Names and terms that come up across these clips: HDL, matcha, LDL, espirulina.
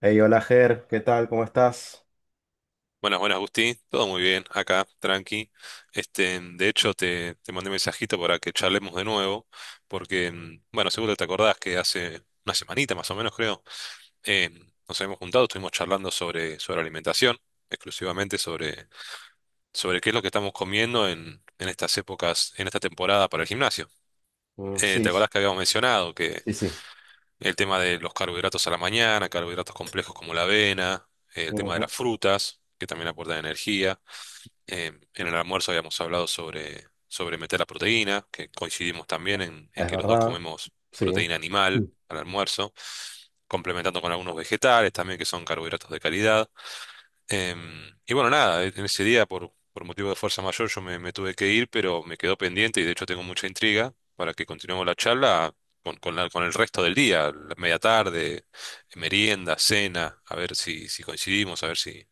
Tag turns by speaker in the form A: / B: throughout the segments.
A: Hey, hola Ger, ¿qué tal? ¿Cómo estás?
B: Buenas, buenas, Gusti. Todo muy bien, acá, tranqui. Este, de hecho, te mandé un mensajito para que charlemos de nuevo, porque, bueno, seguro te acordás que hace una semanita más o menos, creo, eh, nos habíamos juntado, estuvimos charlando sobre alimentación, exclusivamente sobre qué es lo que estamos comiendo en estas épocas, en esta temporada para el gimnasio.
A: Mm,
B: ¿Te
A: sí, sí,
B: acordás que habíamos mencionado que
A: sí.
B: el tema de los carbohidratos a la mañana, carbohidratos complejos como la avena, el tema de
A: Ujú.
B: las frutas, que también aportan energía? Eh, en el almuerzo habíamos hablado sobre meter la proteína, que coincidimos también en
A: Es
B: que los dos
A: verdad.
B: comemos
A: Sí.
B: proteína
A: Mm.
B: animal al almuerzo, complementando con algunos vegetales también que son carbohidratos de calidad. Y bueno, nada, en ese día por motivo de fuerza mayor yo me tuve que ir, pero me quedó pendiente y de hecho tengo mucha intriga para que continuemos la charla con el resto del día, la media tarde, merienda, cena, a ver si coincidimos, a ver si,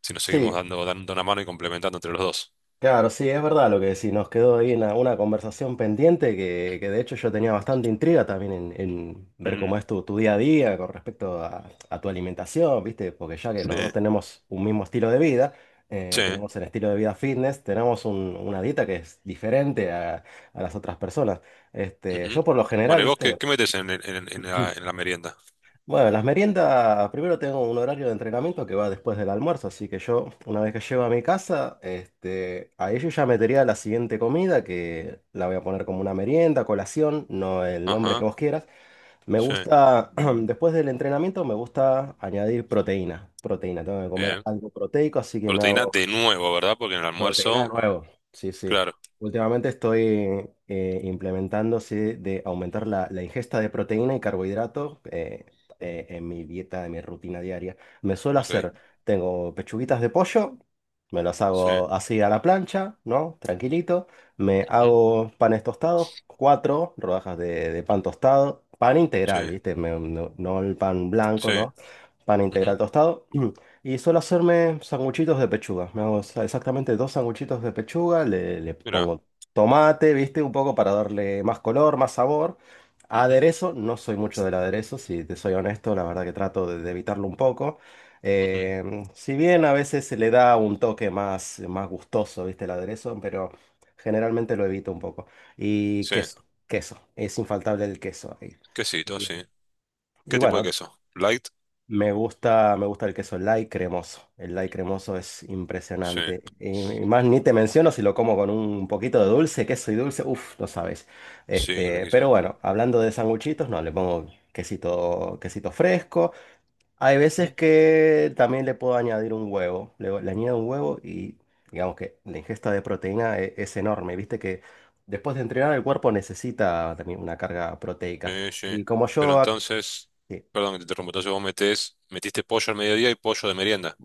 B: si nos seguimos
A: Sí,
B: dando una mano y complementando entre los dos.
A: claro, sí, es verdad lo que decís. Nos quedó ahí una conversación pendiente que de hecho yo tenía bastante intriga también en ver
B: Mm,
A: cómo es tu día a día con respecto a tu alimentación, ¿viste? Porque ya que
B: sí,
A: los dos tenemos un mismo estilo de vida,
B: sí.
A: tenemos el estilo de vida fitness, tenemos una dieta que es diferente a las otras personas. Este,
B: Ujú.
A: yo por lo general,
B: Bueno, ¿y vos qué,
A: ¿viste?
B: qué metes en, el- en la merienda?
A: Bueno, las meriendas, primero tengo un horario de entrenamiento que va después del almuerzo, así que yo, una vez que llego a mi casa, este, ahí yo ya metería la siguiente comida, que la voy a poner como una merienda, colación, no el nombre que
B: Ajá,
A: vos quieras. Me
B: sí,
A: gusta, después del entrenamiento, me gusta añadir proteína. Proteína, tengo que comer
B: bien.
A: algo proteico, así que me
B: Proteína
A: hago.
B: de nuevo, ¿verdad? Porque en el
A: Proteína de
B: almuerzo,
A: nuevo, sí, sí.
B: claro,
A: Últimamente estoy implementando, sí, de aumentar la ingesta de proteína y carbohidratos en mi dieta, en mi rutina diaria. Me suelo
B: ok.
A: hacer, tengo pechuguitas de pollo, me las
B: Sí,
A: hago así a la plancha, ¿no? Tranquilito. Me
B: ujú,
A: hago panes tostados, cuatro rodajas de pan tostado, pan
B: sí,
A: integral, ¿viste? No, no el pan blanco,
B: sí.
A: ¿no? Pan
B: Ujú.
A: integral tostado. Y suelo hacerme sanguchitos de pechuga. Me hago exactamente dos sanguchitos de pechuga. Le
B: Mira.
A: pongo tomate, ¿viste? Un poco para darle más color, más sabor.
B: Ujú.
A: Aderezo, no soy mucho del aderezo, si te soy honesto, la verdad que trato de evitarlo un poco.
B: Ujú.
A: Eh, si bien a veces se le da un toque más gustoso, ¿viste? El aderezo, pero generalmente lo evito un poco. Y
B: Sí,
A: queso, queso, es infaltable el queso ahí.
B: quesito,
A: Y,
B: sí.
A: y
B: ¿Qué tipo de
A: bueno.
B: queso? ¿Light?
A: Me gusta el queso light cremoso. El light cremoso es
B: Sí,
A: impresionante. Y más ni te menciono si lo como con un poquito de dulce, queso y dulce, uff, no sabes.
B: sí,
A: Este, pero
B: riquísimo.
A: bueno, hablando de sanguchitos, no, le pongo quesito, quesito fresco. Hay veces
B: Ujú.
A: que también le puedo añadir un huevo. Le añado un huevo y digamos que la ingesta de proteína es, enorme. Viste que después de entrenar el cuerpo necesita también una carga proteica.
B: Sí, sí.
A: Y como
B: Pero
A: yo.
B: entonces, perdón que te interrumpo, entonces vos metiste pollo al mediodía y pollo de merienda.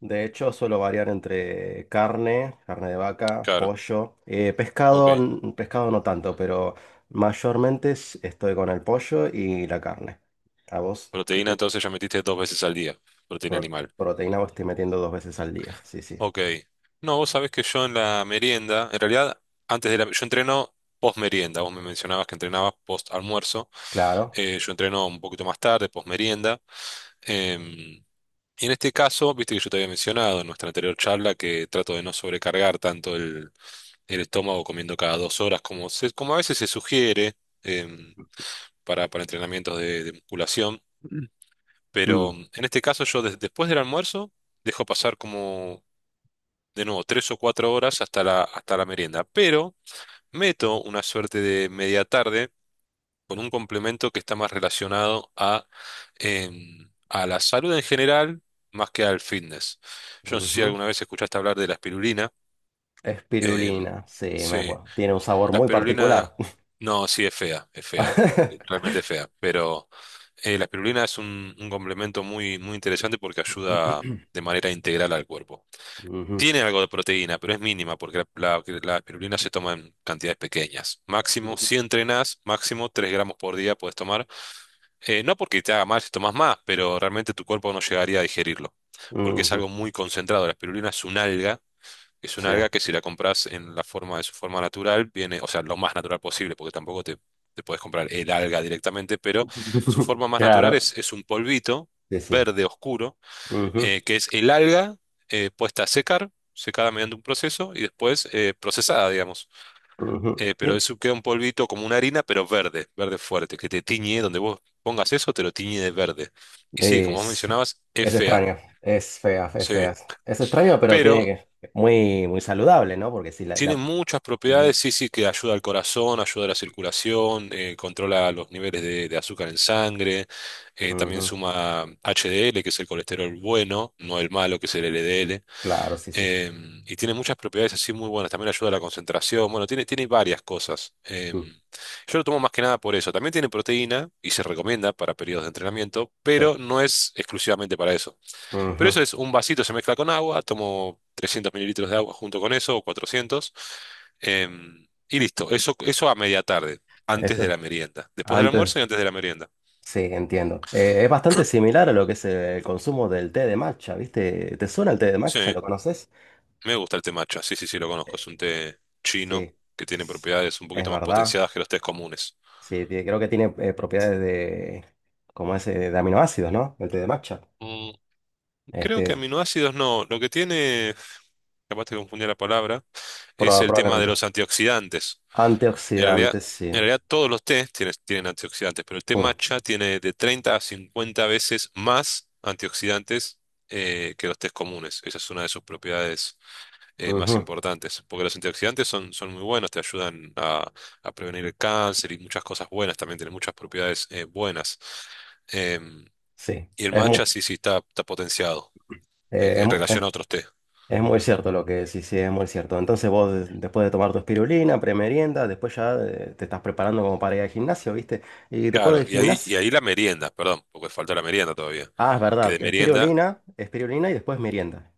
A: De hecho, suelo variar entre carne, carne de vaca,
B: Claro,
A: pollo, pescado,
B: ok.
A: pescado no tanto, pero mayormente estoy con el pollo y la carne. ¿A vos qué
B: Proteína,
A: te
B: entonces ya metiste dos veces al día, proteína
A: pro-
B: animal.
A: proteína vos estoy metiendo 2 veces al día? Sí, sí.
B: Ok. No, vos sabés que yo en la merienda, en realidad, yo entreno post merienda. Vos me mencionabas que entrenabas post almuerzo.
A: Claro.
B: Yo entreno un poquito más tarde, post merienda. Em, y en este caso, viste que yo te había mencionado en nuestra anterior charla que trato de no sobrecargar tanto el estómago comiendo cada 2 horas como a veces se sugiere em, para entrenamientos de musculación. Pero
A: Mm,
B: en este caso, yo después del almuerzo dejo pasar como de nuevo, 3 o 4 horas hasta la merienda. Pero meto una suerte de media tarde con un complemento que está más relacionado a la salud en general más que al fitness. Yo no sé si
A: ujú.
B: alguna vez escuchaste hablar de la espirulina. em,
A: Espirulina, sí, me
B: sí,
A: acuerdo. Tiene un sabor
B: la
A: muy
B: espirulina,
A: particular.
B: no, sí es fea, es fea. Realmente es fea, pero la espirulina es un complemento muy, muy interesante porque ayuda de manera integral al cuerpo.
A: Ujú,
B: Tiene algo de proteína, pero es mínima porque la espirulina se toma en cantidades pequeñas. Máximo,
A: ujú,
B: si entrenás, máximo 3 gramos por día puedes tomar. No porque te haga mal si tomas más, pero realmente tu cuerpo no llegaría a digerirlo, porque es
A: ujú.
B: algo muy concentrado. La espirulina es un
A: Sí.
B: alga que si la compras en la forma de su forma natural, viene, o sea, lo más natural posible, porque tampoco te puedes comprar el alga directamente, pero su forma más natural
A: Claro.
B: es un polvito
A: Sí, sí.
B: verde oscuro
A: Ujú,
B: que es el alga puesta a secar, secada mediante un proceso y después procesada, digamos.
A: ujú.
B: Pero
A: Sí.
B: eso queda un polvito como una harina, pero verde, verde fuerte, que te tiñe, donde vos pongas eso, te lo tiñe de verde. Y sí, como vos
A: Es,
B: mencionabas, es
A: es
B: fea,
A: extraño, es fea, es
B: sí.
A: fea. Es extraño, pero
B: Pero
A: tiene que. Muy, muy saludable, ¿no? Porque si la...
B: tiene
A: la-
B: muchas propiedades,
A: Sí,
B: sí, sí, que ayuda al corazón, ayuda a la circulación, controla los niveles de azúcar en sangre, también
A: ujú,
B: suma HDL, que es el colesterol bueno, no el malo, que es el LDL.
A: claro, sí, sí.
B: Y tiene muchas propiedades así muy buenas. También ayuda a la concentración. Bueno, tiene varias cosas.
A: Mm,
B: Yo lo tomo más que nada por eso. También tiene proteína y se recomienda para periodos de entrenamiento,
A: sí.
B: pero no es exclusivamente para eso. Pero
A: Ujú.
B: eso es un vasito, se mezcla con agua. Tomo 300 mililitros de agua junto con eso, o 400. Y listo. Eso a media tarde, antes
A: Eso.
B: de la merienda. Después del almuerzo
A: Antes,
B: y antes de la merienda.
A: sí, entiendo. Es bastante similar a lo que es el consumo del té de matcha, ¿viste? ¿Te suena el té de matcha?
B: Sí,
A: ¿Lo conoces?
B: me gusta el té matcha. Sí, sí, sí, lo conozco. Es un té chino
A: Sí.
B: que tiene propiedades un
A: Es
B: poquito más
A: verdad.
B: potenciadas que los tés comunes.
A: Sí, creo que tiene propiedades de. Como es de aminoácidos, ¿no? El té de matcha.
B: Mm, Creo que
A: Este,
B: aminoácidos no. Lo que tiene, capaz te confundí la palabra, es el tema de
A: probablemente.
B: los antioxidantes. En realidad,
A: Antioxidantes, sí.
B: en realidad todos los tés tienen antioxidantes, pero el té
A: Mm,
B: matcha tiene de 30 a 50 veces más antioxidantes que los tés comunes. Esa es una de sus propiedades más
A: ujú.
B: importantes, porque los antioxidantes son muy buenos, te ayudan a prevenir el cáncer y muchas cosas buenas, también tienen muchas propiedades buenas. Em,
A: Sí,
B: y el
A: es muy,
B: matcha sí, sí, está potenciado
A: eh,
B: en,
A: es,
B: en
A: mu- es-
B: relación a otros té.
A: es muy cierto lo que decís, sí, es muy cierto. Entonces vos después de tomar tu espirulina, premerienda, después ya te estás preparando como para ir al gimnasio, ¿viste? Y después
B: Claro,
A: del
B: y ahí, y
A: gimnasio,
B: ahí la merienda, perdón, porque falta la merienda todavía.
A: ah, es
B: Que de
A: verdad,
B: merienda,
A: espirulina, espirulina y después merienda.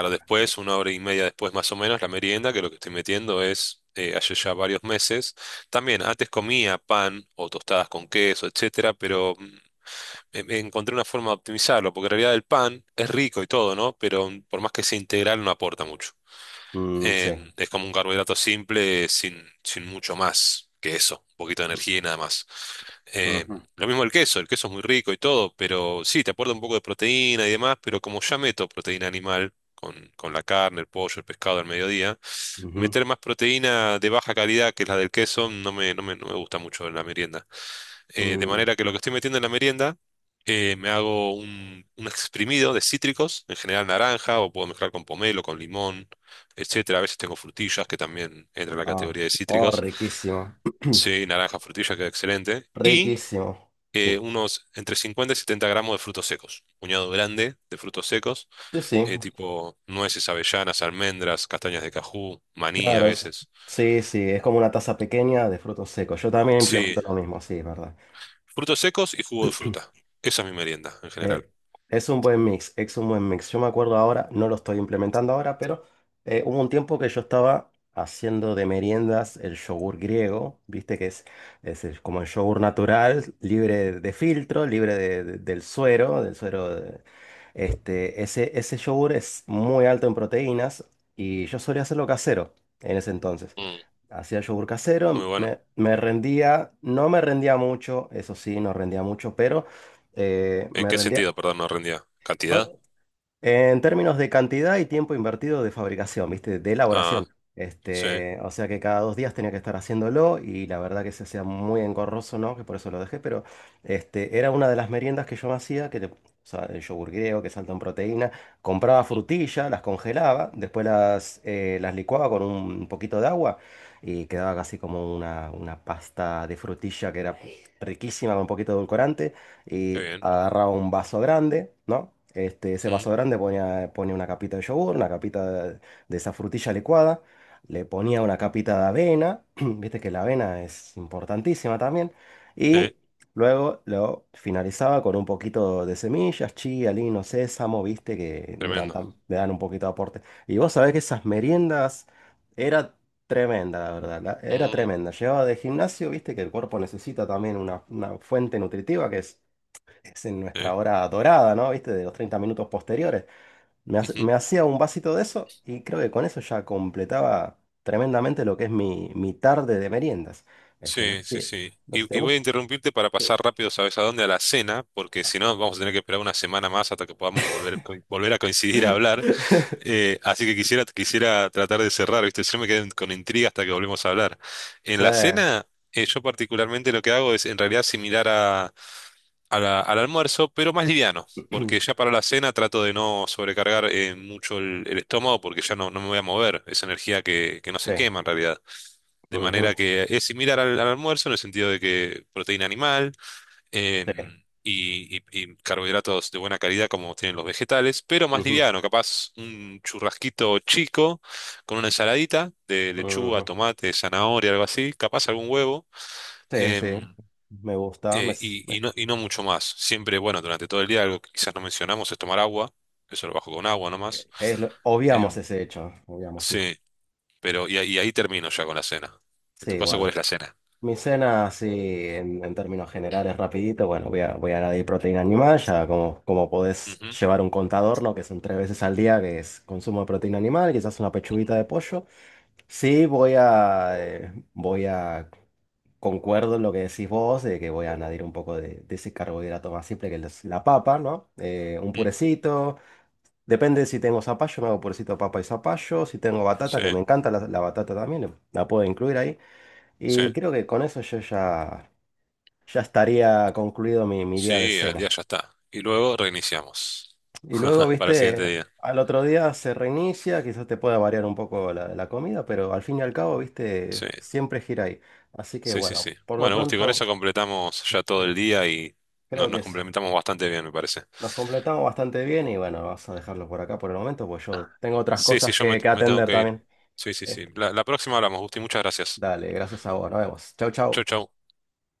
A: Ah, bien.
B: después, una hora y media después más o menos, la merienda, que lo que estoy metiendo es, hace ya varios meses, también antes comía pan o tostadas con queso, etcétera, pero encontré una forma de optimizarlo, porque en realidad el pan es rico y todo, ¿no? Pero por más que sea integral no aporta mucho.
A: Mm, sí.
B: Es como un carbohidrato simple sin mucho más que eso, un poquito de energía y nada más. Em,
A: Ujú,
B: lo mismo el queso es muy rico y todo, pero sí, te aporta un poco de proteína y demás, pero como ya meto proteína animal con la carne, el pollo, el pescado al mediodía,
A: ujú,
B: meter más proteína de baja calidad que es la del queso no me gusta mucho en la merienda de
A: mm,
B: manera que lo que estoy metiendo en la merienda, me hago un exprimido de cítricos, en general naranja, o puedo mezclar con pomelo, con limón, etcétera. A veces tengo frutillas que también entran en la
A: ah,
B: categoría de
A: oh,
B: cítricos.
A: riquísimo.
B: Sí, naranja, frutilla, queda excelente. Y
A: Riquísimo. Sí.
B: unos entre 50 y 70 gramos de frutos secos, un puñado grande de frutos secos,
A: Sí, sí.
B: tipo nueces, avellanas, almendras, castañas de cajú, maní a
A: Claro,
B: veces.
A: sí, sí, es como una taza pequeña de frutos secos. Yo también
B: Sí,
A: implemento lo mismo, sí, es verdad.
B: frutos secos y jugo de fruta. Esa es mi merienda en general.
A: Eh, es un buen mix, es un buen mix. Yo me acuerdo ahora, no lo estoy implementando ahora, pero hubo un tiempo que yo estaba haciendo de meriendas el yogur griego, viste que es como el yogur natural, libre de filtro, libre del suero, del suero. Este, ese yogur es muy alto en proteínas y yo solía hacerlo casero en ese entonces.
B: Mm,
A: Hacía yogur
B: muy
A: casero,
B: bueno.
A: me rendía, no me rendía mucho, eso sí, no rendía mucho, pero
B: ¿En
A: me
B: qué
A: rendía.
B: sentido, perdón, no rendía?
A: ¿No?
B: ¿Cantidad?
A: En términos de cantidad y tiempo invertido de fabricación, ¿viste? De
B: Ah,
A: elaboración.
B: sí.
A: Este, o sea que cada 2 días tenía que estar haciéndolo y la verdad que se hacía muy engorroso, ¿no? Que por eso lo dejé, pero este, era una de las meriendas que yo me hacía, que o sea, el yogur griego, que salta en proteína, compraba
B: Mm.
A: frutillas, las congelaba, después las licuaba con un poquito de agua y quedaba casi como una pasta de frutilla que era riquísima con un poquito de edulcorante
B: Qué
A: y
B: bien.
A: agarraba un vaso grande, ¿no? Este, ese
B: Mm,
A: vaso grande ponía una capita de yogur, una capita de esa frutilla licuada, le ponía una capita de avena, viste que la avena es importantísima también,
B: eh,
A: y luego lo finalizaba con un poquito de semillas, chía, lino, sésamo, viste que le dan,
B: tremendo.
A: le dan un poquito de aporte. Y vos sabés que esas meriendas era tremenda, la verdad, era
B: Mm,
A: tremenda. Llevaba de gimnasio, viste que el cuerpo necesita también una fuente nutritiva que es en nuestra
B: eh,
A: hora dorada, ¿no? ¿Viste? De los 30 minutos posteriores.
B: ujú.
A: Me hacía un vasito de eso y creo que con eso ya completaba tremendamente lo que es mi tarde de meriendas. Este,
B: Sí, sí,
A: si,
B: sí.
A: no sé si te
B: Y voy a
A: gusta.
B: interrumpirte para pasar
A: Sí.
B: rápido, ¿sabes a dónde? A la cena, porque si no vamos a tener que esperar una semana más hasta que podamos volver, volver a coincidir a hablar. Así que quisiera tratar de cerrar, ¿viste? Yo me quedé con intriga hasta que volvemos a hablar. En
A: Sí.
B: la cena, yo particularmente lo que hago es en realidad similar al almuerzo, pero más liviano, porque ya para la cena trato de no sobrecargar mucho el estómago porque ya no me voy a mover, es energía que no
A: Sí.
B: se quema en realidad. De manera
A: Ujú.
B: que es similar al almuerzo en el sentido de que proteína animal eh,
A: Sí.
B: y carbohidratos de buena calidad como tienen los vegetales, pero más
A: Ujú.
B: liviano, capaz un churrasquito chico con una ensaladita de lechuga,
A: Ujú.
B: tomate, zanahoria, algo así, capaz algún huevo.
A: Sí, sí.
B: em,
A: Me gusta.
B: eh, y,
A: Me-
B: y no, y no mucho más. Siempre, bueno, durante todo el día, algo que quizás no mencionamos es tomar agua. Eso lo bajo con agua nomás.
A: es obviamos
B: Em,
A: ese hecho. Obviamos, sí.
B: sí, pero y ahí termino ya con la cena. En tu
A: Sí,
B: caso, ¿cuál
A: bueno.
B: es la cena?
A: Mi cena, así en términos generales, rapidito, bueno, voy a añadir proteína animal, ya como, como podés
B: Ujú.
A: llevar un contador, ¿no? Que son 3 veces al día, que es consumo de proteína animal, quizás una pechuguita de pollo. Sí, concuerdo en lo que decís vos, de que voy a añadir un poco de ese carbohidrato más simple que es la papa, ¿no? Un
B: Ujú.
A: purecito, depende si tengo zapallo, me hago purecito de papa y zapallo, si tengo
B: Sí,
A: batata, que me encanta la batata también, la puedo incluir ahí.
B: sí,
A: Y creo que con eso yo ya estaría concluido mi día de
B: sí, el día
A: cena.
B: ya está. Y luego reiniciamos
A: Y luego,
B: para el siguiente
A: viste,
B: día.
A: al otro día se reinicia, quizás te pueda variar un poco la comida, pero al fin y al cabo, viste,
B: Sí,
A: siempre gira ahí. Así que
B: sí, sí,
A: bueno,
B: sí.
A: por lo
B: Bueno, Gusti, con
A: pronto,
B: eso completamos ya todo
A: sí,
B: el día y nos,
A: creo que
B: nos complementamos bastante bien, me parece.
A: nos completamos bastante bien y bueno, vamos a dejarlo por acá por el momento, pues yo tengo otras
B: Sí, sí,
A: cosas
B: yo me,
A: que
B: me tengo
A: atender
B: que ir.
A: también.
B: Sí, sí, sí.
A: Este,
B: La próxima hablamos, Gusti. Muchas gracias.
A: dale, gracias a vos, nos vemos. Chau,
B: Chau,
A: chau.
B: chau.